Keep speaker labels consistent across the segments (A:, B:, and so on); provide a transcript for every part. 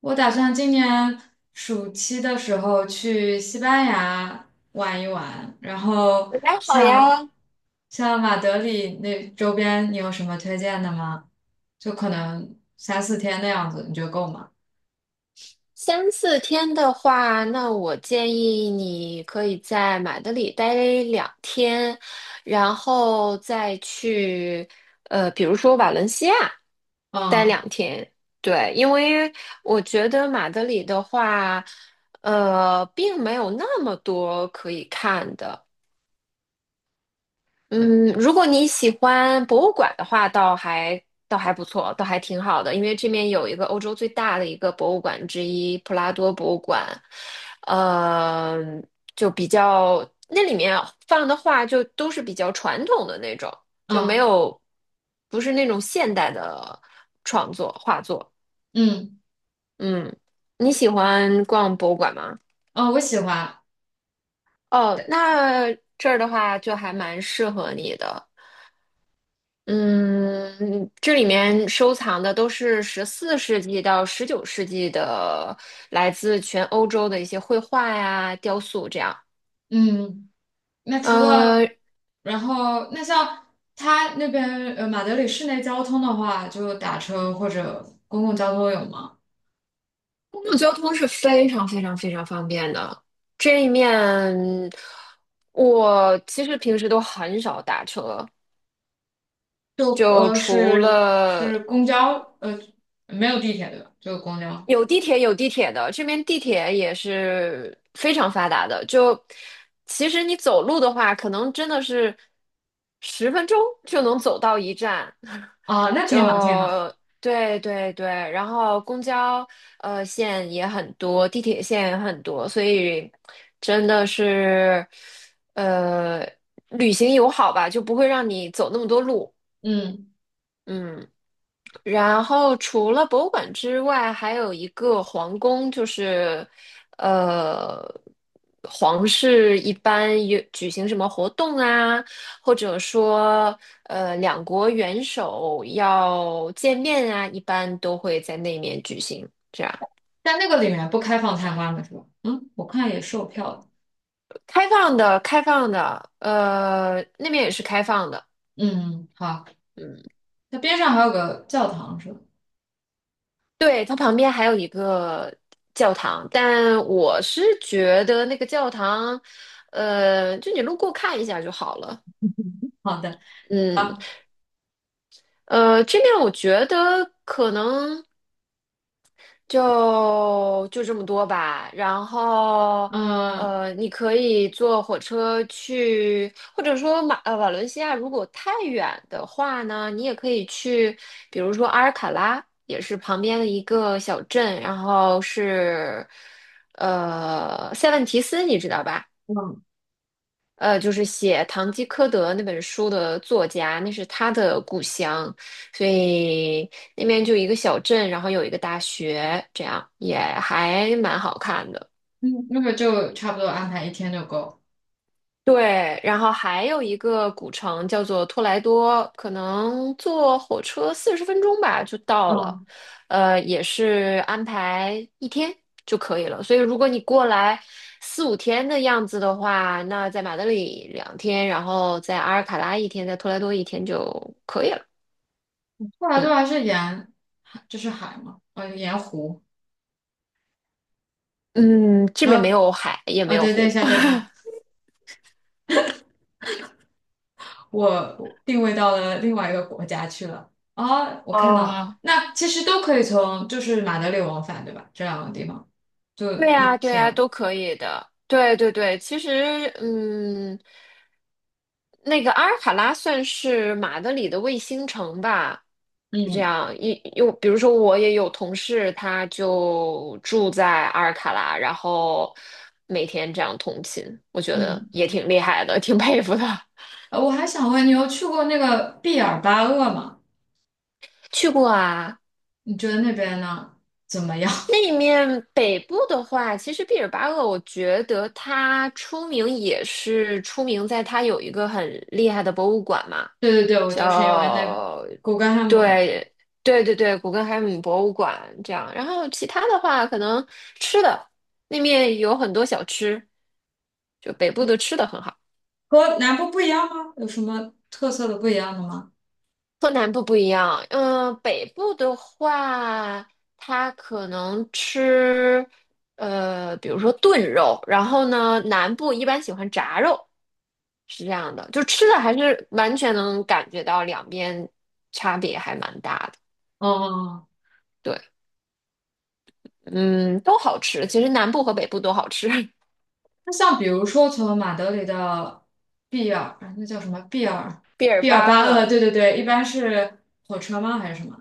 A: 我打算今年暑期的时候去西班牙玩一玩，然后
B: 大家好
A: 像
B: 呀，
A: 像马德里那周边，你有什么推荐的吗？就可能三四天那样子，你觉得够吗？
B: 三四天的话，那我建议你可以在马德里待两天，然后再去比如说瓦伦西亚待
A: 嗯
B: 两天。对，因为我觉得马德里的话，并没有那么多可以看的。嗯，如果你喜欢博物馆的话，倒还不错，倒还挺好的。因为这边有一个欧洲最大的一个博物馆之一——普拉多博物馆，呃，就比较那里面放的画就都是比较传统的那种，就没
A: 嗯
B: 有不是那种现代的创作画作。
A: 嗯
B: 嗯，你喜欢逛博物馆吗？
A: 嗯，我喜欢。
B: 哦，那这儿的话就还蛮适合你的。嗯，这里面收藏的都是14世纪到19世纪的，来自全欧洲的一些绘画呀、雕塑这样。
A: 嗯，那除
B: 呃，
A: 了然后那像他那边马德里市内交通的话，就打车或者公共交通有吗？
B: 公共交通是非常非常非常方便的。这一面，我其实平时都很少打车，
A: 就
B: 就除
A: 是
B: 了
A: 是公交，没有地铁对吧？就是公交。
B: 有地铁的，这边地铁也是非常发达的。就其实你走路的话，可能真的是十分钟就能走到一站。
A: 啊，那挺好挺好。
B: 就对对对，然后公交线也很多，地铁线也很多，所以真的是呃旅行友好吧，就不会让你走那么多路。
A: 嗯，
B: 嗯。然后除了博物馆之外，还有一个皇宫，就是，呃，皇室一般有举行什么活动啊，或者说，两国元首要见面啊，一般都会在那面举行。这样，
A: 但那个里面不开放参观的是吧？嗯，我看也售票的。
B: 开放的，开放的，那面也是开放的，
A: 嗯，好，
B: 嗯。
A: 它边上还有个教堂是吧？
B: 对，它旁边还有一个教堂，但我是觉得那个教堂，就你路过看一下就好了。
A: 好的，
B: 嗯，
A: 啊，
B: 这面我觉得可能。就这么多吧。然后，
A: 嗯
B: 你可以坐火车去，或者说瓦伦西亚，如果太远的话呢，你也可以去，比如说阿尔卡拉，也是旁边的一个小镇，然后是塞万提斯，你知道吧？
A: 嗯
B: 就是写《堂吉诃德》那本书的作家，那是他的故乡，所以那边就一个小镇，然后有一个大学，这样也还蛮好看的。
A: 嗯，那个就差不多安排一天就够。
B: 对，然后还有一个古城叫做托莱多，可能坐火车40分钟吧就到了，
A: 嗯，
B: 也是安排1天就可以了。所以如果你过来四五天的样子的话，那在马德里2天，然后在阿尔卡拉1天，在托莱多1天就可以了。
A: 后来对
B: 嗯
A: 吧？是沿，这是海嘛，沿湖。
B: 嗯，这边没
A: 呃
B: 有海，也没有
A: 对，对一
B: 湖。
A: 下，对一下。我定位到了另外一个国家去了。哦，我看到了，
B: 哦，
A: 那其实都可以从就是马德里往返，对吧？这两个地方就
B: 对
A: 一
B: 呀，对呀，
A: 天。
B: 都可以的。对对对，其实，那个阿尔卡拉算是马德里的卫星城吧，就这
A: 嗯
B: 样。又比如说，我也有同事，他就住在阿尔卡拉，然后每天这样通勤，我觉得
A: 嗯，
B: 也挺厉害的，挺佩服的。
A: 我还想问你，有去过那个毕尔巴鄂吗？
B: 去过啊。
A: 你觉得那边呢怎么样？
B: 那面北部的话，其实毕尔巴鄂，我觉得它出名也是出名在它有一个很厉害的博物馆嘛，
A: 对对对，我就是因为那个
B: 叫
A: 古根汉姆
B: 对对对对，古根海姆博物馆这样。然后其他的话，可能吃的那面有很多小吃，就北部的吃的很好。
A: 和南部不一样吗？有什么特色的不一样的吗？
B: 和南部不一样，北部的话，它可能吃，比如说炖肉，然后呢，南部一般喜欢炸肉，是这样的，就吃的还是完全能感觉到两边差别还蛮大的。
A: 哦哦。
B: 对，嗯，都好吃，其实南部和北部都好吃。
A: 那像比如说从马德里到毕尔，哎那叫什么
B: 毕尔
A: 毕尔
B: 巴
A: 巴鄂？
B: 鄂，
A: 对对对，一般是火车吗？还是什么？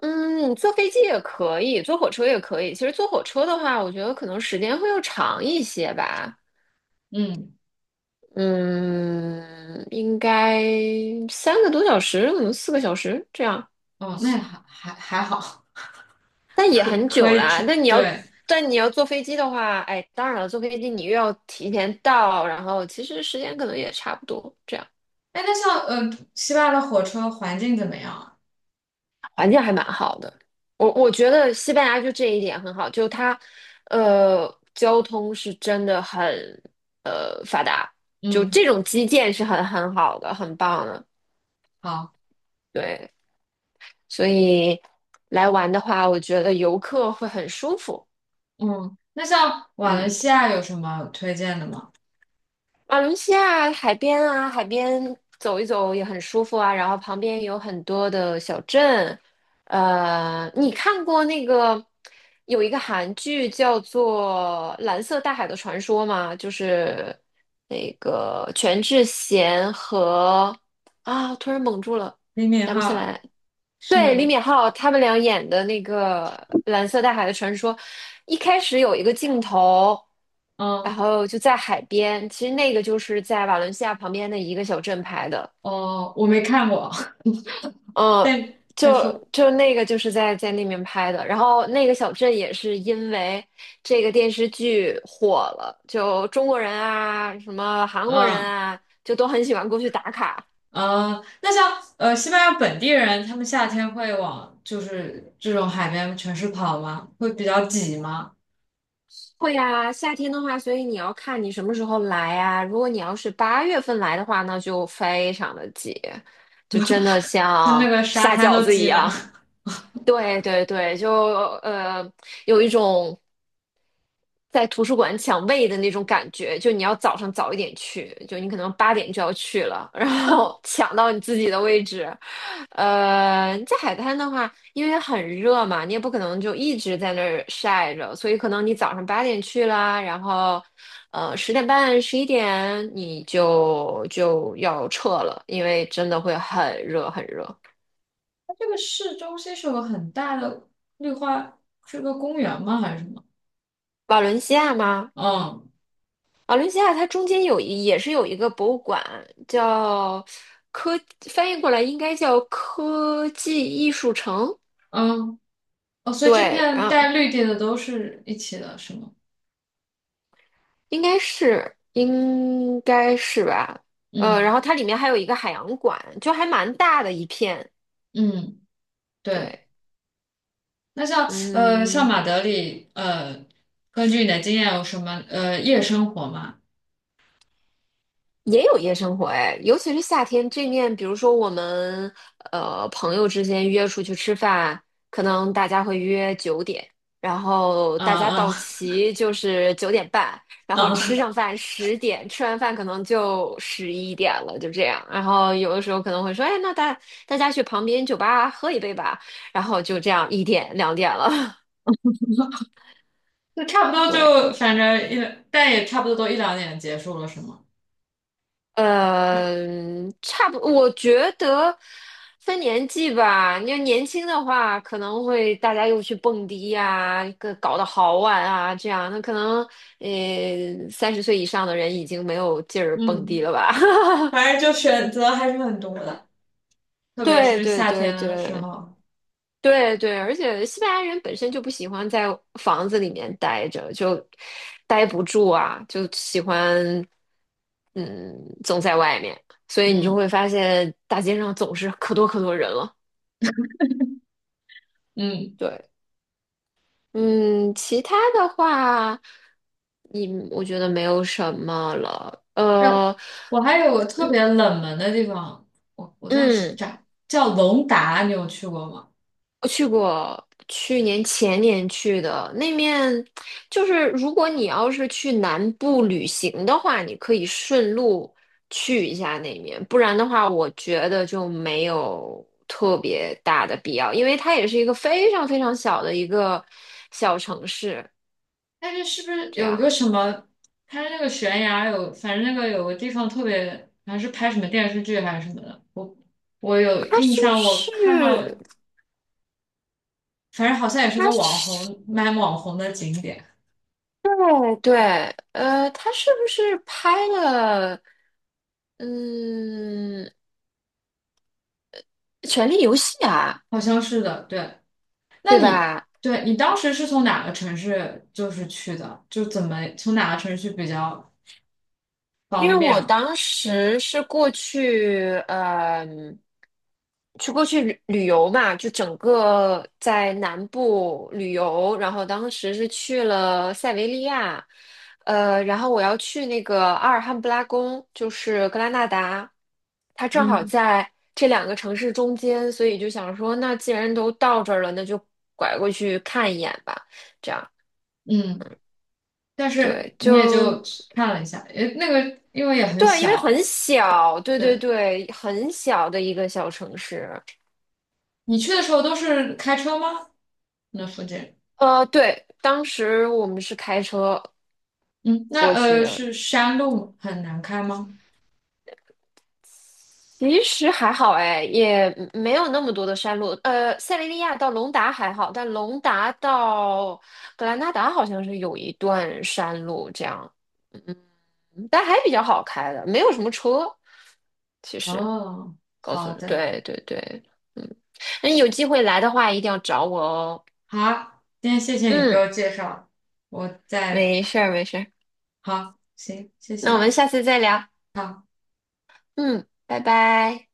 B: 嗯，坐飞机也可以，坐火车也可以。其实坐火车的话，我觉得可能时间会又长一些吧。
A: 嗯，
B: 嗯，应该3个多小时，可能4个小时这样，
A: 哦，那还好，
B: 但也很
A: 可
B: 久
A: 以
B: 啦。那
A: 去。
B: 你要，
A: 对，
B: 但你要坐飞机的话，哎，当然了，坐飞机你又要提前到，然后其实时间可能也差不多，这样
A: 哎，那像希腊的火车环境怎么样啊？
B: 环境还蛮好的。我觉得西班牙就这一点很好，就它，呃，交通是真的很发达，就
A: 嗯，
B: 这种基建是很好的，很棒的。
A: 好，
B: 对，所以来玩的话，我觉得游客会很舒服。
A: 嗯，那像瓦伦
B: 嗯，
A: 西亚有什么推荐的吗？
B: 马来西亚海边啊，海边走一走也很舒服啊。然后旁边有很多的小镇。你看过那个有一个韩剧叫做《蓝色大海的传说》吗？就是那个全智贤和啊，突然蒙住了，
A: 李敏
B: 想不起
A: 镐
B: 来。
A: 是那
B: 对，李
A: 种，
B: 敏镐他们俩演的那个《蓝色大海的传说》，一开始有一个镜头，然
A: 嗯，
B: 后就在海边，其实那个就是在瓦伦西亚旁边的一个小镇拍的，
A: 哦，我没看过，
B: 嗯，
A: 但
B: 就
A: 但是，
B: 就那个就是在那边拍的，然后那个小镇也是因为这个电视剧火了，就中国人啊，什么韩国人
A: 嗯。
B: 啊，就都很喜欢过去打卡。
A: 呃，那像西班牙本地人，他们夏天会往就是这种海边城市跑吗？会比较挤吗？
B: 会呀，夏天的话，所以你要看你什么时候来啊。如果你要是8月份来的话，那就非常的挤，就真的
A: 就那
B: 像
A: 个沙
B: 下
A: 滩
B: 饺
A: 都
B: 子一
A: 挤满了。
B: 样。对对对，呃有一种在图书馆抢位的那种感觉，就你要早上早一点去，就你可能八点就要去了，然后 抢到你自己的位置。在海滩的话，因为很热嘛，你也不可能就一直在那儿晒着，所以可能你早上八点去啦，然后10点半、十一点你就要撤了，因为真的会很热很热。
A: 它这个市中心是有个很大的绿化，是个公园吗？还是什么？
B: 瓦伦西亚吗？
A: 嗯
B: 啊，伦西亚它中间也是有一个博物馆，叫科，翻译过来应该叫科技艺术城。
A: 嗯。哦，所以这
B: 对，
A: 片带
B: 啊，
A: 绿地的都是一起的，是吗？
B: 应该是应该是吧。
A: 嗯
B: 然后它里面还有一个海洋馆，就还蛮大的一片。
A: 嗯，对。
B: 对，
A: 那像
B: 嗯。
A: 马德里，根据你的经验有什么夜生活吗？
B: 也有夜生活哎，尤其是夏天这面，比如说我们朋友之间约出去吃饭，可能大家会约九点，然后
A: 啊
B: 大家到
A: 啊
B: 齐就是9点半，然后
A: 啊！
B: 吃上饭十点，吃完饭可能就十一点了，就这样。然后有的时候可能会说，哎，那大家去旁边酒吧喝一杯吧，然后就这样一点两点了。
A: 就差不 多
B: 对，
A: 就反正一，但也差不多都一两点结束了，是吗？
B: 嗯，呃差不，我觉得分年纪吧。你要年轻的话，可能会大家又去蹦迪呀、个搞得好晚啊，这样。那可能，30岁以上的人已经没有劲儿蹦迪
A: 嗯，
B: 了吧？
A: 反正就选择还是很多的。特别
B: 对
A: 是
B: 对
A: 夏
B: 对
A: 天的时
B: 对，
A: 候，
B: 对对，而且西班牙人本身就不喜欢在房子里面待着，就待不住啊，就喜欢嗯总在外面，所以你就
A: 嗯
B: 会发现大街上总是可多可多人了。
A: 嗯，
B: 对，嗯，其他的话，你我觉得没有什么了。
A: 哎，我还有个特
B: 嗯
A: 别冷门的地方，我在
B: 嗯，
A: 找，叫龙达，你有去过吗？
B: 我去过，去年前年去的那面，就是如果你要是去南部旅行的话，你可以顺路去一下那面，不然的话，我觉得就没有特别大的必要，因为它也是一个非常非常小的一个小城市，
A: 但是是不是
B: 这
A: 有一个
B: 样。
A: 什么，它是那个悬崖有，反正那个有个地方特别，好像是拍什么电视剧还是什么的，我有
B: 它
A: 印
B: 是不
A: 象，我看
B: 是？
A: 到反正好像也是
B: 它
A: 个网
B: 是？
A: 红网红的景点，
B: 对，对，它是不是拍了？嗯，《权力游戏》啊？
A: 好像是的。对，那
B: 对
A: 你
B: 吧？
A: 对你当时是从哪个城市就是去的？就怎么从哪个城市去比较
B: 因为
A: 方便？
B: 我当时是过去，过去旅游嘛，就整个在南部旅游，然后当时是去了塞维利亚，然后我要去那个阿尔汉布拉宫，就是格拉纳达，它正好
A: 嗯
B: 在这两个城市中间，所以就想说，那既然都到这儿了，那就拐过去看一眼吧，这样，
A: 嗯，但
B: 对，
A: 是你也就看了一下，也那个因为也很
B: 对，因为
A: 小。
B: 很小，对对
A: 对，
B: 对，很小的一个小城市。
A: 你去的时候都是开车吗？那附近？
B: 对，当时我们是开车
A: 嗯，那
B: 过去的，
A: 是山路很难开吗？
B: 其实还好哎，也没有那么多的山路。塞雷利亚到隆达还好，但隆达到格兰纳达好像是有一段山路这样，嗯，但还比较好开的，没有什么车。其实
A: 哦，
B: 告诉
A: 好
B: 你，
A: 的，
B: 对对对，嗯，那你有机会来的话，一定要找我哦。
A: 好，今天谢谢你给
B: 嗯，
A: 我介绍，我在。
B: 没事儿没事儿。
A: 好，行，谢
B: 那我
A: 谢。
B: 们下次再聊。
A: 好。
B: 嗯，拜拜。